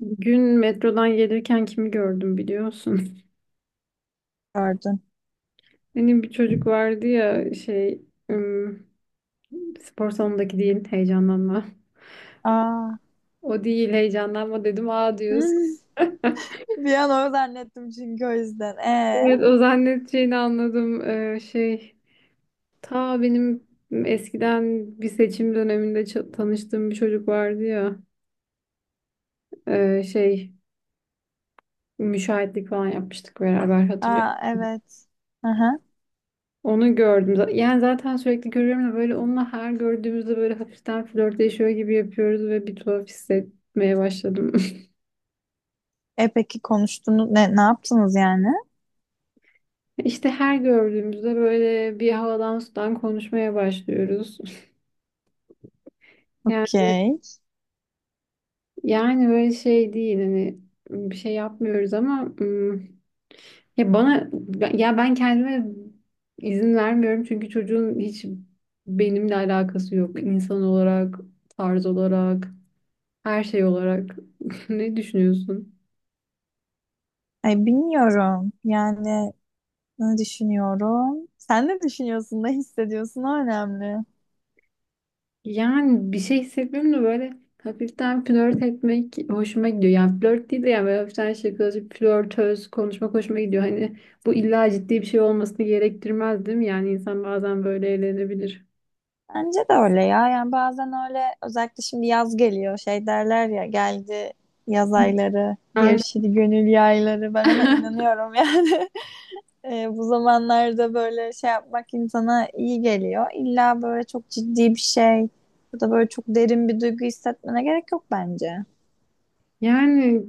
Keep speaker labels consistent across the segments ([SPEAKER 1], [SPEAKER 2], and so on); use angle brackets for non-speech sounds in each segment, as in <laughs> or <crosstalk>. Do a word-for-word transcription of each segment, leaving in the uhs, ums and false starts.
[SPEAKER 1] Gün metrodan gelirken kimi gördüm biliyorsun.
[SPEAKER 2] Gördün.
[SPEAKER 1] <laughs> Benim bir çocuk vardı ya şey ım, spor salonundaki değil, heyecanlanma.
[SPEAKER 2] Aa. <laughs>
[SPEAKER 1] O değil, heyecanlanma dedim, aa diyorsun.
[SPEAKER 2] Hmm.
[SPEAKER 1] <laughs>
[SPEAKER 2] Bir an öyle zannettim çünkü o yüzden. Ee,
[SPEAKER 1] Evet, o zannedeceğini anladım. Ee, şey ta benim eskiden bir seçim döneminde ça- tanıştığım bir çocuk vardı ya. Ee, şey müşahitlik falan yapmıştık beraber, hatırlıyor
[SPEAKER 2] aa evet. Aha.
[SPEAKER 1] Onu gördüm. Z- Yani zaten sürekli görüyorum da, böyle onunla her gördüğümüzde böyle hafiften flörtleşiyor gibi yapıyoruz ve bir tuhaf hissetmeye başladım.
[SPEAKER 2] E peki konuştunuz ne ne yaptınız yani?
[SPEAKER 1] <laughs> İşte her gördüğümüzde böyle bir havadan sudan konuşmaya başlıyoruz. <laughs> Yani,
[SPEAKER 2] Okey.
[SPEAKER 1] yani böyle şey değil, hani bir şey yapmıyoruz ama ım, ya bana ben- ya ben kendime izin vermiyorum çünkü çocuğun hiç benimle alakası yok. İnsan olarak, tarz olarak, her şey olarak. <laughs> Ne düşünüyorsun?
[SPEAKER 2] Ay bilmiyorum. Yani ne düşünüyorum? Sen ne düşünüyorsun, ne hissediyorsun? O önemli.
[SPEAKER 1] Yani bir şey hissetmiyorum da böyle hafiften flört etmek hoşuma gidiyor. Yani flört değil de, yani böyle hafiften şakacı, flörtöz konuşmak hoşuma gidiyor. Hani bu illa ciddi bir şey olmasını gerektirmez değil mi? Yani insan bazen böyle eğlenebilir.
[SPEAKER 2] Bence de öyle ya. Yani bazen öyle özellikle şimdi yaz geliyor. Şey derler ya geldi yaz ayları,
[SPEAKER 1] Aynen.
[SPEAKER 2] gevşedi gönül yayları. Ben ona
[SPEAKER 1] <laughs>
[SPEAKER 2] inanıyorum yani. <laughs> E, bu zamanlarda böyle şey yapmak insana iyi geliyor. İlla böyle çok ciddi bir şey ya da böyle çok derin bir duygu hissetmene gerek yok bence.
[SPEAKER 1] Yani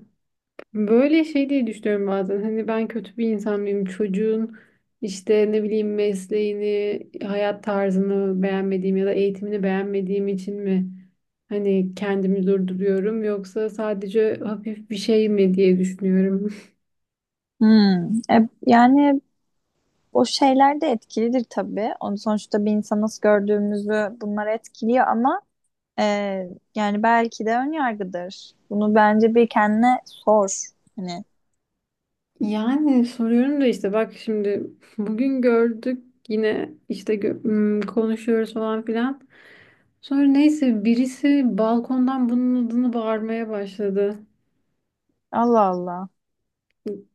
[SPEAKER 1] böyle şey diye düşünüyorum bazen. Hani ben kötü bir insan mıyım? Çocuğun işte ne bileyim, mesleğini, hayat tarzını beğenmediğim ya da eğitimini beğenmediğim için mi hani kendimi durduruyorum, yoksa sadece hafif bir şey mi diye düşünüyorum. <laughs>
[SPEAKER 2] Hmm. E, yani o şeyler de etkilidir tabii. Onu sonuçta bir insan nasıl gördüğümüzü bunlar etkiliyor ama e, yani belki de ön yargıdır. Bunu bence bir kendine sor. Hani
[SPEAKER 1] Yani soruyorum da, işte bak şimdi bugün gördük yine, işte gö- m, konuşuyoruz falan filan. Sonra neyse, birisi balkondan bunun adını bağırmaya başladı.
[SPEAKER 2] Allah Allah.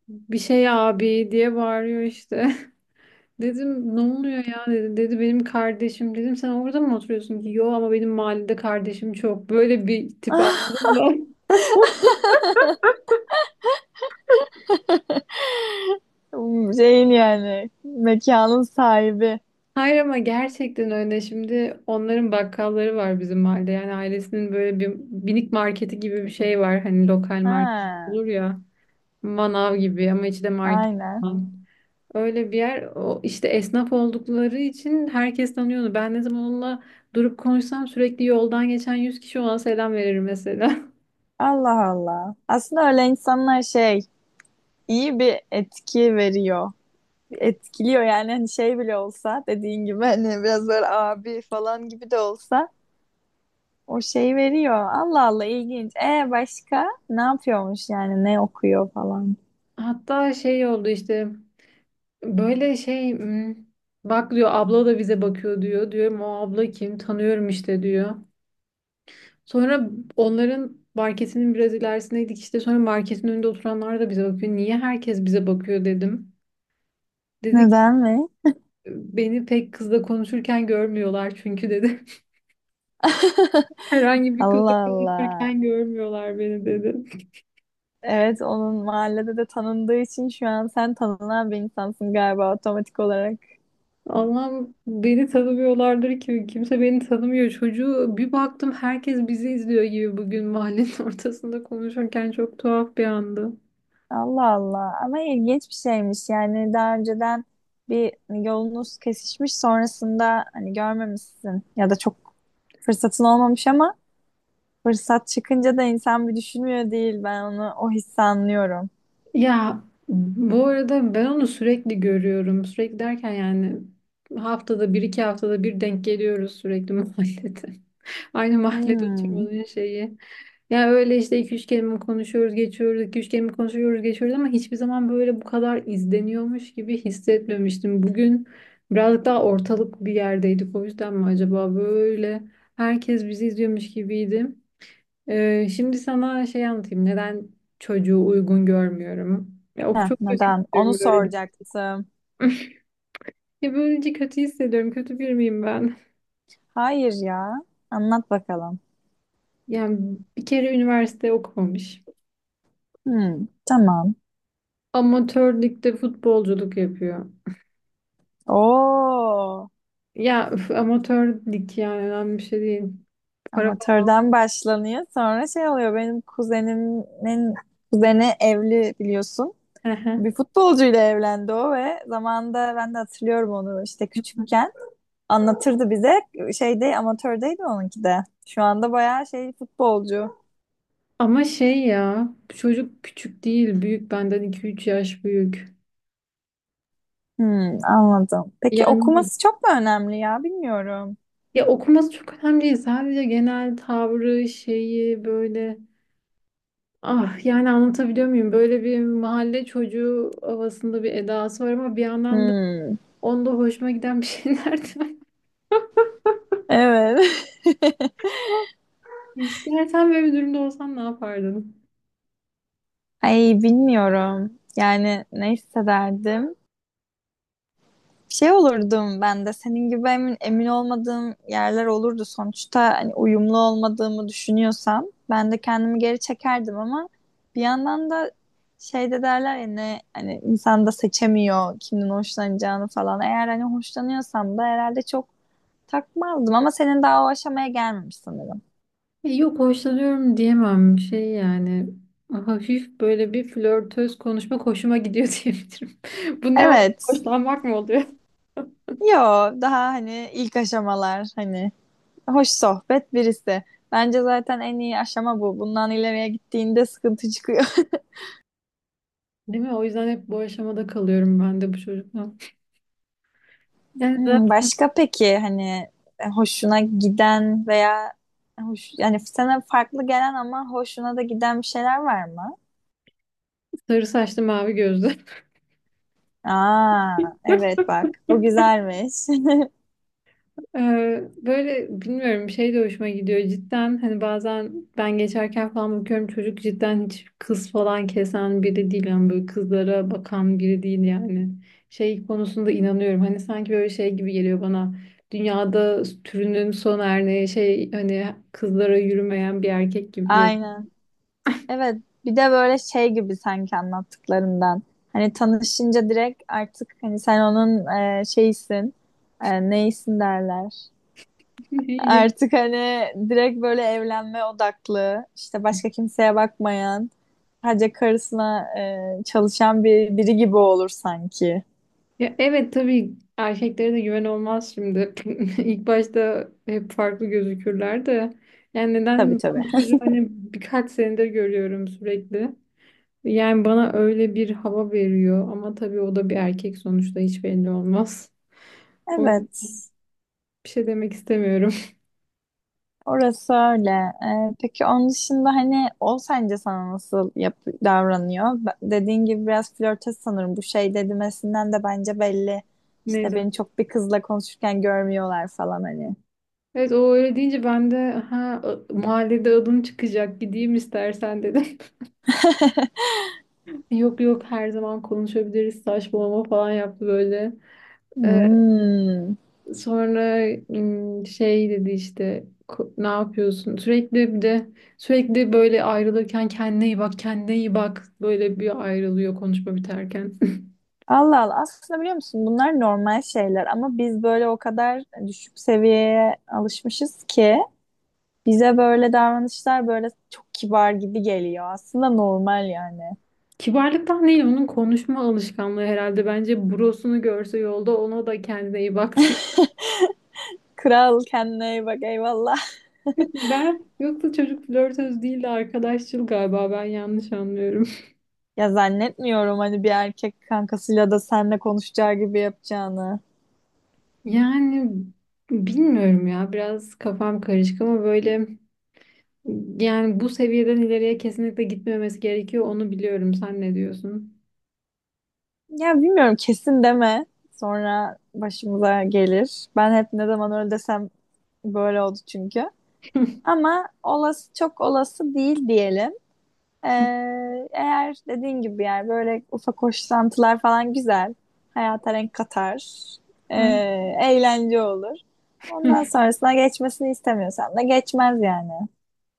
[SPEAKER 1] Bir şey abi diye bağırıyor işte. <laughs> Dedim ne oluyor ya, dedi. Dedi benim kardeşim. Dedim sen orada mı oturuyorsun ki? Yo, ama benim mahallede kardeşim çok. Böyle bir tip, anladın mı? <laughs>
[SPEAKER 2] Şeyin yani mekanın sahibi.
[SPEAKER 1] Hayır, ama gerçekten öyle. Şimdi onların bakkalları var bizim mahallede. Yani ailesinin böyle bir minik marketi gibi bir şey var. Hani lokal market
[SPEAKER 2] Ha,
[SPEAKER 1] olur ya. Manav gibi ama içi de market
[SPEAKER 2] aynen.
[SPEAKER 1] falan. Öyle bir yer o, işte esnaf oldukları için herkes tanıyordu. Ben ne zaman onunla durup konuşsam sürekli yoldan geçen yüz kişi ona selam verir mesela.
[SPEAKER 2] Allah Allah. Aslında öyle insanlar şey iyi bir etki veriyor. Etkiliyor yani hani şey bile olsa dediğin gibi hani biraz böyle abi falan gibi de olsa o şey veriyor. Allah Allah ilginç. E başka ne yapıyormuş yani ne okuyor falan.
[SPEAKER 1] <laughs> Hatta şey oldu işte, böyle şey hmm, bak diyor, abla da bize bakıyor diyor. Diyorum o abla kim, tanıyorum işte diyor. Sonra onların marketinin biraz ilerisindeydik, işte sonra marketin önünde oturanlar da bize bakıyor. Niye herkes bize bakıyor dedim. Dedi ki
[SPEAKER 2] Neden mi?
[SPEAKER 1] beni pek kızla konuşurken görmüyorlar çünkü <laughs> dedi.
[SPEAKER 2] <laughs>
[SPEAKER 1] Herhangi bir kızla
[SPEAKER 2] Allah Allah.
[SPEAKER 1] konuşurken görmüyorlar beni, dedi.
[SPEAKER 2] Evet onun mahallede de tanındığı için şu an sen tanınan bir insansın galiba otomatik olarak.
[SPEAKER 1] Allah'ım, beni tanımıyorlardır ki, kimse beni tanımıyor. Çocuğu bir baktım herkes bizi izliyor gibi, bugün mahallenin <laughs> ortasında konuşurken çok tuhaf bir andı.
[SPEAKER 2] Allah Allah ama ilginç bir şeymiş yani daha önceden bir hani yolunuz kesişmiş sonrasında hani görmemişsin ya da çok fırsatın olmamış ama fırsat çıkınca da insan bir düşünmüyor değil ben onu o hissi anlıyorum.
[SPEAKER 1] Ya bu arada ben onu sürekli görüyorum. Sürekli derken yani haftada bir, iki haftada bir denk geliyoruz sürekli <laughs> mahallede. Aynı mahallede
[SPEAKER 2] Hmm.
[SPEAKER 1] oturmanın şeyi. Ya öyle işte, iki üç kelime konuşuyoruz geçiyoruz, iki üç kelime konuşuyoruz geçiyoruz ama hiçbir zaman böyle bu kadar izleniyormuş gibi hissetmemiştim. Bugün birazcık daha ortalık bir yerdeydik, o yüzden mi acaba böyle herkes bizi izliyormuş gibiydi. Ee, şimdi sana şey anlatayım, neden çocuğu uygun görmüyorum. Ya of,
[SPEAKER 2] Heh,
[SPEAKER 1] çok kötü
[SPEAKER 2] neden? Onu
[SPEAKER 1] hissediyorum böyle.
[SPEAKER 2] soracaktım.
[SPEAKER 1] <laughs> Ya böylece kötü hissediyorum. Kötü bir miyim ben?
[SPEAKER 2] Hayır ya anlat bakalım.
[SPEAKER 1] Yani bir kere üniversite okumamış.
[SPEAKER 2] Hmm, tamam.
[SPEAKER 1] Amatör ligde futbolculuk yapıyor.
[SPEAKER 2] Oo,
[SPEAKER 1] Ya üf, amatör lig yani önemli bir şey değil. Para falan.
[SPEAKER 2] amatörden başlanıyor sonra şey oluyor benim kuzenimin kuzeni evli biliyorsun.
[SPEAKER 1] Ehe.
[SPEAKER 2] Bir futbolcuyla evlendi o ve zamanında ben de hatırlıyorum onu işte küçükken anlatırdı bize şeyde amatördeydi onunki de. Şu anda bayağı şey futbolcu.
[SPEAKER 1] Ama şey, ya çocuk küçük değil, büyük, benden iki üç yaş büyük.
[SPEAKER 2] Hmm, anladım. Peki
[SPEAKER 1] Yani
[SPEAKER 2] okuması çok mu önemli ya bilmiyorum.
[SPEAKER 1] ya okuması çok önemli değil. Sadece genel tavrı, şeyi böyle, ah, yani anlatabiliyor muyum? Böyle bir mahalle çocuğu havasında bir edası var, ama bir yandan da
[SPEAKER 2] Hmm,
[SPEAKER 1] onda hoşuma giden bir şeyler de var.
[SPEAKER 2] evet.
[SPEAKER 1] <laughs> Sen böyle bir durumda olsan ne yapardın?
[SPEAKER 2] <laughs> Ay bilmiyorum. Yani ne hissederdim? Şey olurdum ben de senin gibi emin, emin olmadığım yerler olurdu. Sonuçta hani uyumlu olmadığımı düşünüyorsam ben de kendimi geri çekerdim ama bir yandan da şey de derler ya ne hani insan da seçemiyor kimden hoşlanacağını falan. Eğer hani hoşlanıyorsam da herhalde çok takmazdım ama senin daha o aşamaya gelmemiş sanırım.
[SPEAKER 1] E yok, hoşlanıyorum diyemem, şey yani hafif böyle bir flörtöz konuşma hoşuma gidiyor <laughs> diyebilirim. Bu ne oldu?
[SPEAKER 2] Evet.
[SPEAKER 1] Hoşlanmak mı oluyor?
[SPEAKER 2] Yo daha hani ilk aşamalar hani hoş sohbet birisi. Bence zaten en iyi aşama bu. Bundan ileriye gittiğinde sıkıntı çıkıyor.
[SPEAKER 1] Değil mi? O yüzden hep bu aşamada kalıyorum ben de bu çocukla. Yani
[SPEAKER 2] Hmm,
[SPEAKER 1] zaten
[SPEAKER 2] başka peki hani e, hoşuna giden veya hoş, yani sana farklı gelen ama hoşuna da giden bir şeyler var mı?
[SPEAKER 1] sarı saçlı mavi gözlü.
[SPEAKER 2] Aa, evet bak bu güzelmiş. <laughs>
[SPEAKER 1] Ee, böyle bilmiyorum, şey de hoşuma gidiyor cidden, hani bazen ben geçerken falan bakıyorum, çocuk cidden hiç kız falan kesen biri değil, yani böyle kızlara bakan biri değil yani. Şey konusunda inanıyorum, hani sanki böyle şey gibi geliyor bana, dünyada türünün son örneği şey, hani kızlara yürümeyen bir erkek gibi
[SPEAKER 2] Aynen. Evet bir de böyle şey gibi sanki anlattıklarından. Hani tanışınca direkt artık hani sen onun e, şeysin. E, neysin derler.
[SPEAKER 1] geliyor. <laughs>
[SPEAKER 2] Artık hani direkt böyle evlenme odaklı, işte başka kimseye bakmayan, sadece karısına e, çalışan bir biri gibi olur sanki.
[SPEAKER 1] Ya evet tabii, erkeklere de güven olmaz şimdi. <laughs> İlk başta hep farklı gözükürler de. Yani
[SPEAKER 2] Tabii
[SPEAKER 1] neden,
[SPEAKER 2] tabii.
[SPEAKER 1] ben bu çocuğu hani birkaç senedir görüyorum sürekli. Yani bana öyle bir hava veriyor ama tabii o da bir erkek sonuçta, hiç belli olmaz. O
[SPEAKER 2] Evet,
[SPEAKER 1] bir şey demek istemiyorum. <laughs>
[SPEAKER 2] orası öyle. E, peki onun dışında hani o sence sana nasıl yap davranıyor? Be- Dediğin gibi biraz flörtöz sanırım. Bu şey dedimesinden de bence belli.
[SPEAKER 1] Ne
[SPEAKER 2] İşte
[SPEAKER 1] demek?
[SPEAKER 2] beni çok bir kızla konuşurken görmüyorlar falan hani.
[SPEAKER 1] Evet, o öyle deyince ben de ha a- mahallede adın çıkacak, gideyim istersen dedim.
[SPEAKER 2] <laughs>
[SPEAKER 1] <laughs> Yok yok, her zaman konuşabiliriz, saçmalama falan yaptı böyle. Ee,
[SPEAKER 2] Hmm.
[SPEAKER 1] Sonra ım, şey dedi işte, "Ko- ne yapıyorsun?" Sürekli bir de sürekli böyle ayrılırken kendine iyi bak, kendine iyi bak. Böyle bir ayrılıyor, konuşma biterken.
[SPEAKER 2] Allah Allah. Aslında biliyor musun bunlar normal şeyler ama biz böyle o kadar düşük seviyeye alışmışız ki bize böyle davranışlar böyle çok kibar gibi geliyor. Aslında normal yani.
[SPEAKER 1] <laughs> Kibarlıktan değil, onun konuşma alışkanlığı herhalde. Bence brosunu görse yolda ona da kendine iyi bak diye.
[SPEAKER 2] Kral kendine iyi bak eyvallah. <laughs>
[SPEAKER 1] <laughs> Ben yoksa çocuk flörtöz değil de arkadaşçıl galiba, ben yanlış anlıyorum. <laughs>
[SPEAKER 2] Ya zannetmiyorum hani bir erkek kankasıyla da seninle konuşacağı gibi yapacağını.
[SPEAKER 1] Yani bilmiyorum ya, biraz kafam karışık ama böyle, yani bu seviyeden ileriye kesinlikle gitmemesi gerekiyor. Onu biliyorum. Sen ne diyorsun?
[SPEAKER 2] Ya bilmiyorum kesin deme. Sonra başımıza gelir. Ben hep ne zaman öyle desem böyle oldu çünkü.
[SPEAKER 1] <laughs>
[SPEAKER 2] Ama olası çok olası değil diyelim. Ee, eğer dediğin gibi yani böyle ufak hoşlantılar falan güzel. Hayata renk katar. Ee,
[SPEAKER 1] Ay-
[SPEAKER 2] eğlence olur. Ondan sonrasına geçmesini istemiyorsan da geçmez yani.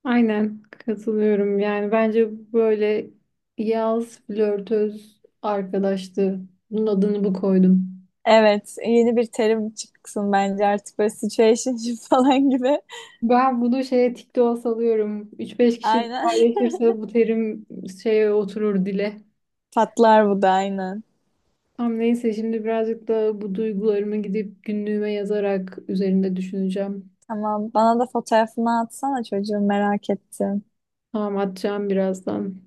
[SPEAKER 1] Aynen katılıyorum. Yani bence böyle yaz flörtöz arkadaştı. Bunun adını bu koydum.
[SPEAKER 2] Evet, yeni bir terim çıksın bence artık böyle situationship falan gibi.
[SPEAKER 1] Ben bunu şeye TikTok'a salıyorum. üç beş
[SPEAKER 2] <laughs>
[SPEAKER 1] kişi
[SPEAKER 2] Aynen. <laughs>
[SPEAKER 1] paylaşırsa bu terim şeye oturur dile.
[SPEAKER 2] Patlar bu da aynen.
[SPEAKER 1] Tam, neyse, şimdi birazcık da bu duygularımı gidip günlüğüme yazarak üzerinde düşüneceğim.
[SPEAKER 2] Tamam, bana da fotoğrafını atsana çocuğum merak ettim.
[SPEAKER 1] Tamam, atacağım birazdan.